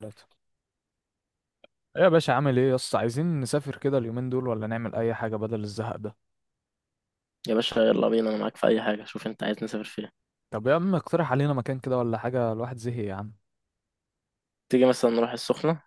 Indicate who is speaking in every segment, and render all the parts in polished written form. Speaker 1: ثلاثة. إيه يا باشا، عامل ايه يا اسطى؟ عايزين نسافر كده اليومين دول ولا نعمل اي حاجه بدل الزهق ده؟
Speaker 2: يا باشا، يلا بينا، انا معاك في اي حاجه. شوف انت عايز نسافر فيها.
Speaker 1: طب يا عم اقترح علينا مكان كده ولا حاجه، الواحد زهق يا عم.
Speaker 2: تيجي مثلا نروح السخنه،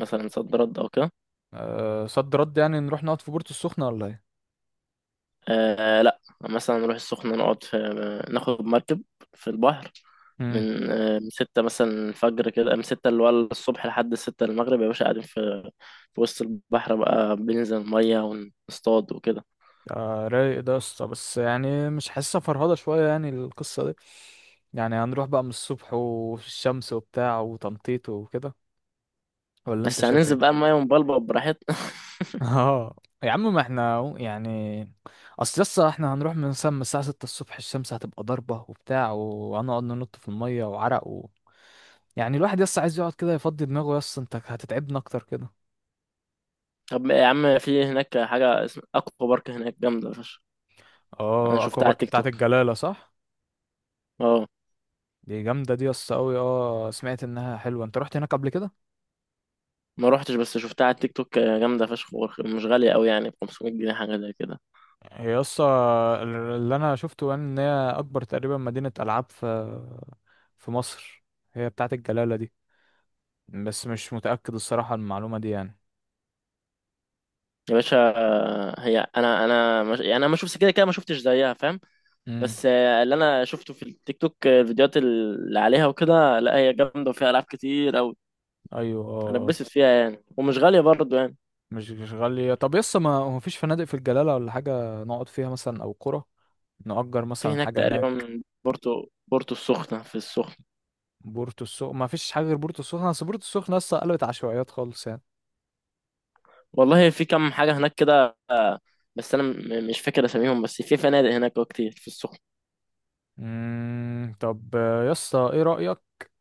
Speaker 2: مثلا صد رد او كده.
Speaker 1: أه صد رد، يعني نروح نقعد في بورتو السخنه ولا ايه؟
Speaker 2: آه لا، مثلا نروح السخنه، نقعد في، ناخد مركب في البحر.
Speaker 1: امم
Speaker 2: من ستة مثلا الفجر كده، من ستة اللي هو الصبح لحد ستة المغرب، يا باشا قاعدين في وسط البحر بقى، بننزل المية ونصطاد وكده.
Speaker 1: آه رايق ده يا اسطى، بس يعني مش حاسسها، فرهضه شويه يعني القصه دي. يعني هنروح بقى من الصبح وفي الشمس وبتاع وتنطيط وكده، ولا انت
Speaker 2: بس
Speaker 1: شايف
Speaker 2: هننزل بقى
Speaker 1: ايه؟
Speaker 2: المية ونبلبل براحتنا.
Speaker 1: اه. يا عم ما احنا أهو يعني. اصل لسه احنا هنروح من الساعة 6 الصبح، الشمس هتبقى ضاربة وبتاع وهنقعد ننط في المية وعرق و... يعني الواحد لسه عايز يقعد كده يفضي دماغه، يس انت هتتعبنا اكتر كده.
Speaker 2: طب يا عم، في هناك حاجة اسمها أكوا بارك، هناك جامدة فشخ. أنا
Speaker 1: اه اكوا
Speaker 2: شفتها على
Speaker 1: بارك
Speaker 2: التيك
Speaker 1: بتاعت
Speaker 2: توك.
Speaker 1: الجلالة صح؟
Speaker 2: اه.
Speaker 1: دي جامدة دي، يس قوي، اه سمعت انها حلوة. انت رحت هناك قبل كده؟
Speaker 2: ما روحتش، بس شفتها على التيك توك. جامده فشخ، مش غاليه قوي، يعني ب 500 جنيه حاجه زي كده.
Speaker 1: هي يس اللي انا شفته ان هي اكبر تقريبا مدينة العاب في في مصر، هي بتاعت الجلالة دي، بس مش متأكد الصراحة المعلومة دي يعني.
Speaker 2: يا باشا، هي انا مش، يعني انا ما شفتش كده كده، ما شفتش زيها فاهم.
Speaker 1: امم
Speaker 2: بس اللي انا شفته في التيك توك، الفيديوهات اللي عليها وكده، لا هي جامده وفيها العاب كتير قوي.
Speaker 1: ايوه
Speaker 2: انا
Speaker 1: اه.
Speaker 2: اتبسط فيها يعني، ومش غاليه برضو يعني.
Speaker 1: مش مش غالية. طب يس ما هو مفيش فنادق في الجلالة ولا حاجة نقعد فيها مثلا، او قرى نأجر
Speaker 2: في
Speaker 1: مثلا
Speaker 2: هناك
Speaker 1: حاجة هناك.
Speaker 2: تقريبا بورتو، بورتو السخنه، في السخنه.
Speaker 1: بورتو السخنة، ما فيش حاجة غير بورتو السخنة، بس بورتو السخنة لسه قلبت عشوائيات خالص يعني.
Speaker 2: والله في كم حاجه هناك كده، بس انا مش فاكر اساميهم، بس في فنادق هناك كتير في السخنه.
Speaker 1: طب يس ايه رأيك،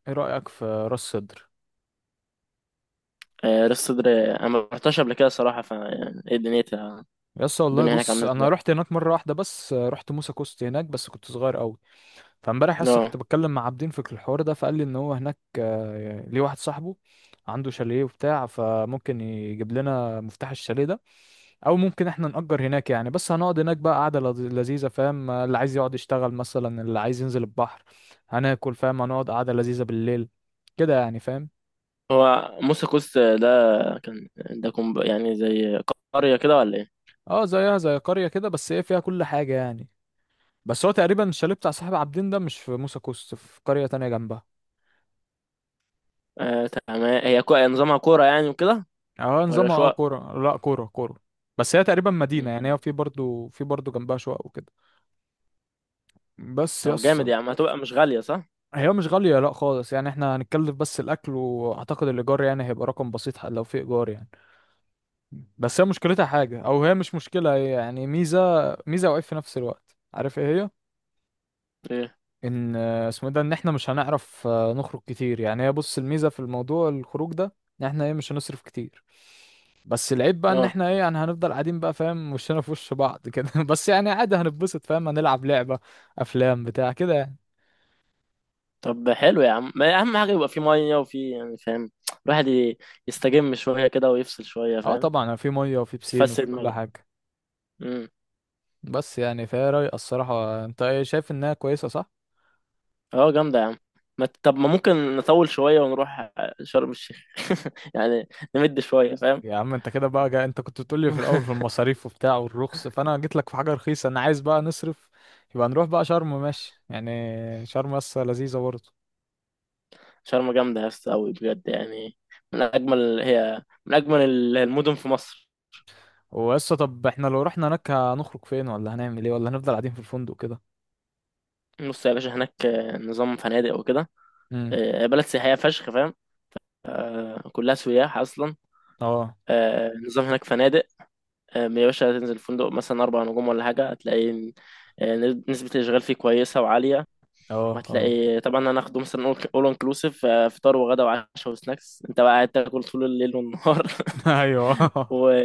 Speaker 1: ايه رأيك في راس سدر؟
Speaker 2: راس صدر، انا ما رحتش قبل كده صراحه، يعني ايه دنيتها؟
Speaker 1: يس والله
Speaker 2: الدنيا هناك
Speaker 1: بص
Speaker 2: عامله
Speaker 1: انا
Speaker 2: ازاي؟
Speaker 1: رحت هناك مرة واحدة بس، رحت موسى كوست هناك بس كنت صغير قوي. فامبارح لسه
Speaker 2: اه.
Speaker 1: كنت بتكلم مع عابدين في الحوار ده، فقال لي ان هو هناك ليه واحد صاحبه عنده شاليه وبتاع، فممكن يجيب لنا مفتاح الشاليه ده، او ممكن احنا نأجر هناك يعني. بس هنقعد هناك بقى قعدة لذيذة، فاهم؟ اللي عايز يقعد يشتغل مثلا، اللي عايز ينزل البحر، هناكل، فاهم؟ هنقعد قعدة لذيذة بالليل كده يعني، فاهم؟
Speaker 2: هو موسى كوست ده كان ده كوم، يعني زي قريه كده ولا ايه؟
Speaker 1: اه زيها زي قرية كده، بس ايه فيها كل حاجة يعني. بس هو تقريبا الشاليه بتاع صاحب عابدين ده مش في موسى كوست، في قرية تانية جنبها.
Speaker 2: آه تمام. هي نظامها كوره يعني وكده،
Speaker 1: اه
Speaker 2: ولا
Speaker 1: نظامها اه
Speaker 2: شقق؟
Speaker 1: كورة، لا كورة كورة. بس هي تقريبا مدينة يعني،
Speaker 2: مم.
Speaker 1: هي في برضو جنبها شقق وكده. بس
Speaker 2: طب
Speaker 1: يس.
Speaker 2: جامد يا عم، هتبقى مش غاليه صح؟
Speaker 1: هي مش غالية لا خالص يعني، احنا هنتكلف بس الأكل، وأعتقد الإيجار يعني هيبقى رقم بسيط، لو في إيجار يعني. بس هي مشكلتها حاجة، أو هي مش مشكلة، هي يعني ميزة، ميزة وعيب في نفس الوقت. عارف ايه هي؟
Speaker 2: ايه.
Speaker 1: إن اسمه إيه ده، إن احنا مش هنعرف نخرج كتير يعني. هي بص، الميزة في الموضوع الخروج ده، إن احنا ايه مش هنصرف كتير. بس العيب بقى ان
Speaker 2: اه،
Speaker 1: احنا ايه يعني هنفضل قاعدين بقى فاهم، وشنا في وش بعض كده بس يعني عادي هنتبسط فاهم، هنلعب لعبة، افلام، بتاع كده يعني.
Speaker 2: طب حلو يا عم، ما اهم حاجه يبقى في ميه، وفي، يعني فاهم. الواحد ي- يستجم شويه كده ويفصل شويه
Speaker 1: اه
Speaker 2: فاهم.
Speaker 1: طبعا يعني في مية وفي بسين
Speaker 2: يفسد
Speaker 1: وفي كل
Speaker 2: دماغه.
Speaker 1: حاجة. بس يعني فهي رايقة الصراحة، انت ايه شايف انها كويسة صح؟
Speaker 2: اه جامدة يا عم. ما ت- طب ما ممكن نطول شوية ونروح شرم الشيخ، يعني نمد شوية فاهم.
Speaker 1: يا عم انت كده بقى انت كنت بتقولي في الاول في المصاريف وبتاع والرخص، فانا جيت لك في حاجة رخيصة، انا عايز بقى نصرف، يبقى نروح بقى شرم ماشي يعني. شرم لسه لذيذة برضه.
Speaker 2: شرم جامدة يا اسطى أوي بجد يعني، من أجمل هي من أجمل المدن في مصر.
Speaker 1: وقصة، طب احنا لو رحنا هناك هنخرج فين، ولا هنعمل ايه، ولا هنفضل قاعدين في الفندق كده؟
Speaker 2: بص يا باشا، هناك نظام فنادق وكده.
Speaker 1: امم
Speaker 2: بلد سياحية فشخ فاهم، كلها سياح أصلا.
Speaker 1: اه.
Speaker 2: نظام هناك فنادق. يا باشا، تنزل فندق مثلا أربع نجوم ولا حاجة، هتلاقي آه، نسبة الإشغال فيه كويسة وعالية.
Speaker 1: اه. اه.
Speaker 2: وهتلاقي طبعا هناخده مثلا اول انكلوسيف، فطار وغدا وعشاء وسناكس، انت بقى قاعد تاكل طول الليل والنهار.
Speaker 1: ايوه.
Speaker 2: و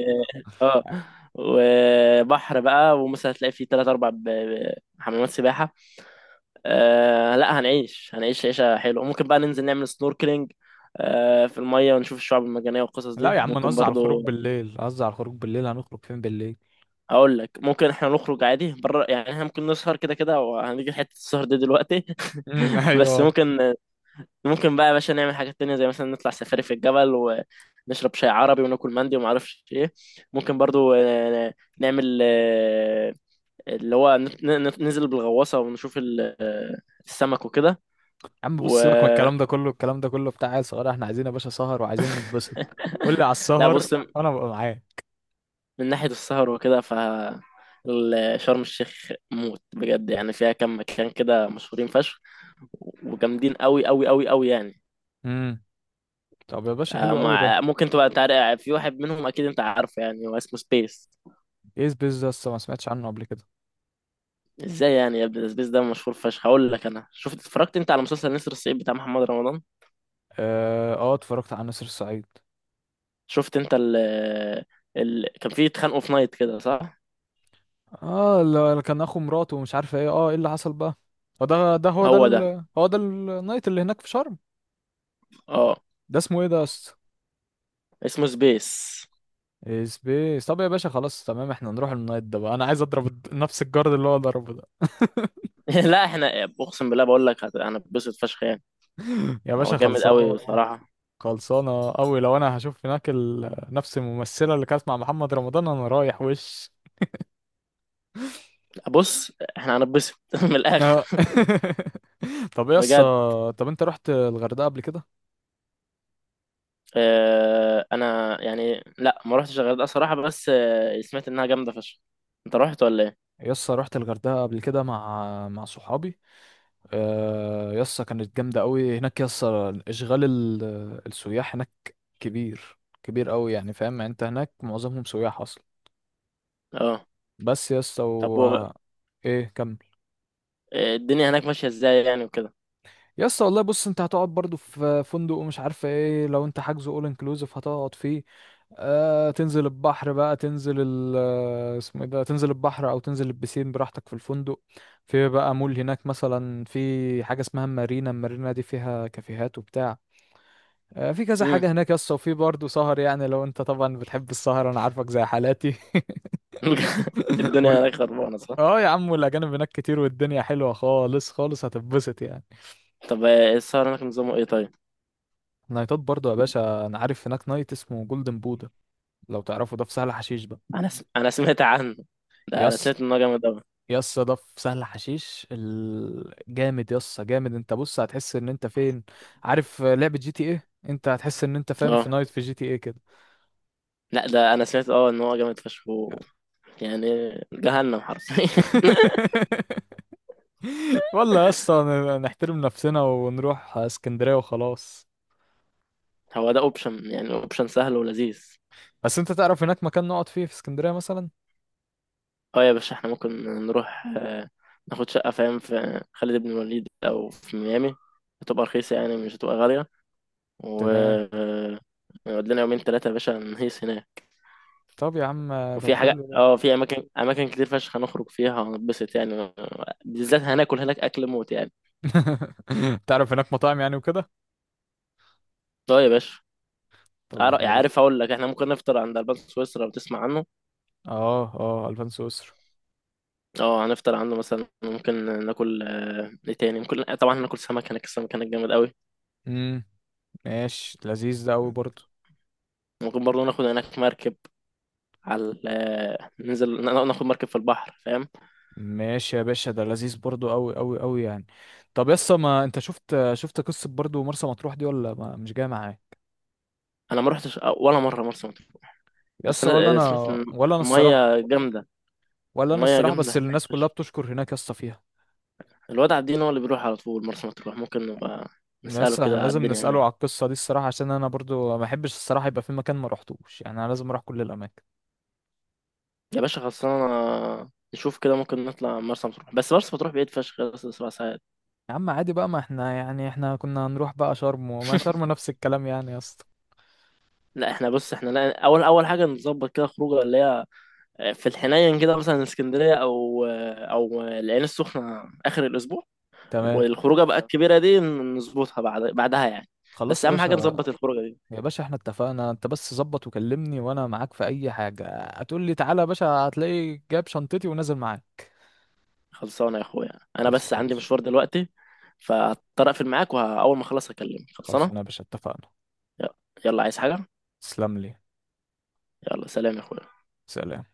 Speaker 2: اه وبحر بقى، ومثلا هتلاقي فيه تلات أربع حمامات سباحة. آه لا، هنعيش عيشة حلوة. ممكن بقى ننزل نعمل سنوركلينج، في المية، ونشوف الشعاب المرجانية والقصص
Speaker 1: لا
Speaker 2: دي
Speaker 1: يا عم
Speaker 2: ممكن
Speaker 1: نوزع الخروج
Speaker 2: برضو.
Speaker 1: بالليل، نوزع الخروج بالليل. هنخرج فين بالليل؟
Speaker 2: أقول لك، ممكن إحنا نخرج عادي بره، يعني إحنا ممكن نسهر كده كده، وهنيجي حتة السهر دي دلوقتي.
Speaker 1: ايوه
Speaker 2: بس
Speaker 1: يا
Speaker 2: ممكن بقى يا باشا نعمل حاجات تانية، زي مثلا نطلع سفاري في الجبل ونشرب شاي عربي وناكل مندي وما اعرفش ايه. ممكن برضو نعمل، اللي هو ننزل بالغواصة ونشوف السمك وكده.
Speaker 1: عم،
Speaker 2: و
Speaker 1: بص سيبك من الكلام ده كله، الكلام ده كله بتاع عيال صغيره، احنا عايزين يا باشا سهر وعايزين نتبسط. قول لي على
Speaker 2: لا،
Speaker 1: السهر
Speaker 2: بص،
Speaker 1: وانا ببقى معاك.
Speaker 2: من ناحية السهر وكده، ف شرم الشيخ موت بجد، يعني فيها كم مكان كده مشهورين فشخ وجامدين قوي قوي قوي قوي يعني.
Speaker 1: امم طب يا باشا
Speaker 2: آه،
Speaker 1: حلو قوي ده.
Speaker 2: مع ممكن تبقى انت عارف، في واحد منهم اكيد انت عارفه يعني، هو اسمه سبيس.
Speaker 1: ايه سبيس ده؟ لسه ما سمعتش عنه قبل كده.
Speaker 2: ازاي يعني يا ابني، سبيس ده مشهور فشخ. هقول لك، انا شفت، اتفرجت انت على مسلسل نسر الصعيد بتاع محمد رمضان؟
Speaker 1: اه اتفرجت على نسر الصعيد.
Speaker 2: شفت انت ال كان فيه اتخانقوا في نايت كده صح؟
Speaker 1: اه اللي كان اخو مراته ومش عارف ايه، اه ايه اللي حصل بقى؟ هو ده، ده هو ده
Speaker 2: هو ده.
Speaker 1: ال... هو ده النايت اللي هناك في شرم؟
Speaker 2: اه
Speaker 1: ده اسمه ايه ده؟
Speaker 2: اسمه سبيس.
Speaker 1: سبيس. طب يا باشا خلاص تمام، احنا نروح النايت ده بقى، انا عايز اضرب نفس الجارد اللي هو ضربه ده.
Speaker 2: لا، احنا اقسم بالله بقول لك هنتبسط فشخ يعني.
Speaker 1: يا
Speaker 2: هو
Speaker 1: باشا
Speaker 2: جامد قوي
Speaker 1: خلصانه.
Speaker 2: بصراحة.
Speaker 1: خلصانه قوي، لو انا هشوف هناك ال... نفس الممثله اللي كانت مع محمد رمضان انا رايح وش.
Speaker 2: بص، احنا هنتبسط من الاخر
Speaker 1: آه. طب يا اسطى،
Speaker 2: بجد.
Speaker 1: طب انت رحت الغردقه قبل كده؟
Speaker 2: انا يعني لا، ما رحتش الغردقه صراحه، بس سمعت انها جامده فشخ. انت رحت ولا ايه؟
Speaker 1: يا اسطى رحت الغردقه قبل كده مع مع صحابي. يا اسطى كانت جامده قوي هناك يا اسطى، اشغال السياح هناك كبير كبير قوي يعني، فاهم؟ يعني انت هناك معظمهم سياح اصلا.
Speaker 2: اه.
Speaker 1: بس يا اسطى
Speaker 2: طب
Speaker 1: و... ايه كمل.
Speaker 2: الدنيا هناك ماشيه ازاي يعني وكده؟
Speaker 1: يا اسطى والله بص، انت هتقعد برضو في فندق ومش عارفه ايه، لو انت حاجزه اول انكلوزيف هتقعد فيه. آه تنزل البحر بقى، تنزل ال اسمه ايه ده، تنزل البحر او تنزل البسين براحتك في الفندق. في بقى مول هناك مثلا، في حاجه اسمها مارينا، المارينا دي فيها كافيهات وبتاع. آه في كذا
Speaker 2: امم.
Speaker 1: حاجه هناك يا اسطى، وفي برضو سهر يعني، لو انت طبعا بتحب السهر انا عارفك زي حالاتي.
Speaker 2: الدنيا
Speaker 1: وال...
Speaker 2: هناك خربانه صح؟
Speaker 1: اه يا عم والاجانب هناك كتير، والدنيا حلوه خالص خالص، هتتبسط يعني.
Speaker 2: طب السهر هناك نظامه ايه طيب؟
Speaker 1: نايتات برضو يا باشا، انا عارف هناك نايت اسمه جولدن بودا، لو تعرفوا ده، في سهل حشيش بقى.
Speaker 2: انا سمعت عنه. ده انا
Speaker 1: يس.
Speaker 2: سمعت ان هو جامد قوي.
Speaker 1: يس ده في سهل حشيش جامد يس جامد، انت بص هتحس ان انت فين، عارف لعبة جي تي ايه؟ انت هتحس ان انت فاهم في
Speaker 2: اه
Speaker 1: نايت في جي تي ايه كده.
Speaker 2: لا، ده انا سمعت، ان هو جامد فشخ، يعني جهنم حرفيا.
Speaker 1: والله يا اسطى نحترم نفسنا ونروح اسكندرية وخلاص.
Speaker 2: هو ده اوبشن، يعني اوبشن سهل ولذيذ.
Speaker 1: بس انت تعرف هناك مكان نقعد فيه في اسكندرية مثلا؟
Speaker 2: اه يا باشا، احنا ممكن نروح، ناخد شقة فاهم، في خالد بن الوليد أو في ميامي، هتبقى رخيصة يعني، مش هتبقى غالية. و
Speaker 1: تمام.
Speaker 2: نقعد لنا يومين تلاتة يا باشا، نهيس هناك.
Speaker 1: طب يا عم طب
Speaker 2: وفي حاجة،
Speaker 1: حلو ده.
Speaker 2: في أماكن، أماكن كتير فشخ هنخرج فيها ونتبسط يعني. بالذات هناكل هناك أكل موت يعني.
Speaker 1: تعرف هناك مطاعم يعني وكده؟
Speaker 2: اه يا باشا.
Speaker 1: طب
Speaker 2: عارف أقول لك، احنا ممكن نفطر عند ألبان سويسرا لو تسمع عنه.
Speaker 1: اه اه الفانسو اسر.
Speaker 2: اه هنفطر عنده مثلا. ممكن ناكل ايه تاني؟ ممكن طبعا هناكل سمك هناك، السمك هناك جامد قوي.
Speaker 1: امم ماشي، لذيذ ده قوي برضه.
Speaker 2: ممكن برضه ناخد هناك مركب على ننزل ناخد مركب في البحر فاهم.
Speaker 1: ماشي يا باشا ده لذيذ برضه، قوي قوي قوي يعني. طب يسا، ما انت شفت، شفت قصة برضه مرسى مطروح دي ولا ما مش جاية معايا؟
Speaker 2: انا ما رحتش ولا مره مرسى مطروح، بس
Speaker 1: يسا ولا
Speaker 2: انا سمعت
Speaker 1: انا،
Speaker 2: ان
Speaker 1: ولا انا الصراحة.
Speaker 2: الميه جامده.
Speaker 1: ولا انا
Speaker 2: الميه
Speaker 1: الصراحة،
Speaker 2: جامده
Speaker 1: بس
Speaker 2: هناك
Speaker 1: الناس كلها بتشكر هناك يسا فيها.
Speaker 2: الواد عابدين هو اللي بيروح على طول مرسى مطروح، ممكن نبقى نساله
Speaker 1: لسه احنا
Speaker 2: كده على
Speaker 1: لازم
Speaker 2: الدنيا
Speaker 1: نسأله على
Speaker 2: هناك.
Speaker 1: القصة دي الصراحة، عشان انا برضو ما احبش الصراحة يبقى في مكان ما روحتوش، يعني انا لازم اروح كل الاماكن.
Speaker 2: يا باشا خلصانه، نشوف كده ممكن نطلع مرسى مطروح، بس مرسى مطروح بعيد فشخ، بس سبع ساعات.
Speaker 1: يا عم عادي بقى، ما احنا يعني احنا كنا هنروح بقى شرم، وما شرم نفس الكلام يعني يا اسطى.
Speaker 2: لا، احنا بص، لا، اول اول حاجه نظبط كده خروجه اللي هي في الحنين كده، مثلا اسكندريه او العين السخنه اخر الاسبوع.
Speaker 1: تمام.
Speaker 2: والخروجه بقى الكبيره دي نظبطها بعد يعني.
Speaker 1: خلاص
Speaker 2: بس
Speaker 1: يا
Speaker 2: اهم حاجه
Speaker 1: باشا.
Speaker 2: نظبط الخروجه دي.
Speaker 1: يا باشا احنا اتفقنا، انت بس ظبط وكلمني وانا معاك في اي حاجة، هتقول لي تعالى يا باشا هتلاقي جايب شنطتي ونازل معاك.
Speaker 2: خلصانه يا اخويا، انا
Speaker 1: خلصانه
Speaker 2: بس
Speaker 1: يا
Speaker 2: عندي
Speaker 1: باشا.
Speaker 2: مشوار دلوقتي، فهضطر اقفل معاك، واول ما اخلص اكلمك. خلصانه.
Speaker 1: خلصانه يا باشا اتفقنا.
Speaker 2: يلا. يلا، عايز حاجه؟
Speaker 1: تسلم لي.
Speaker 2: يلا سلام يا اخويا.
Speaker 1: سلام.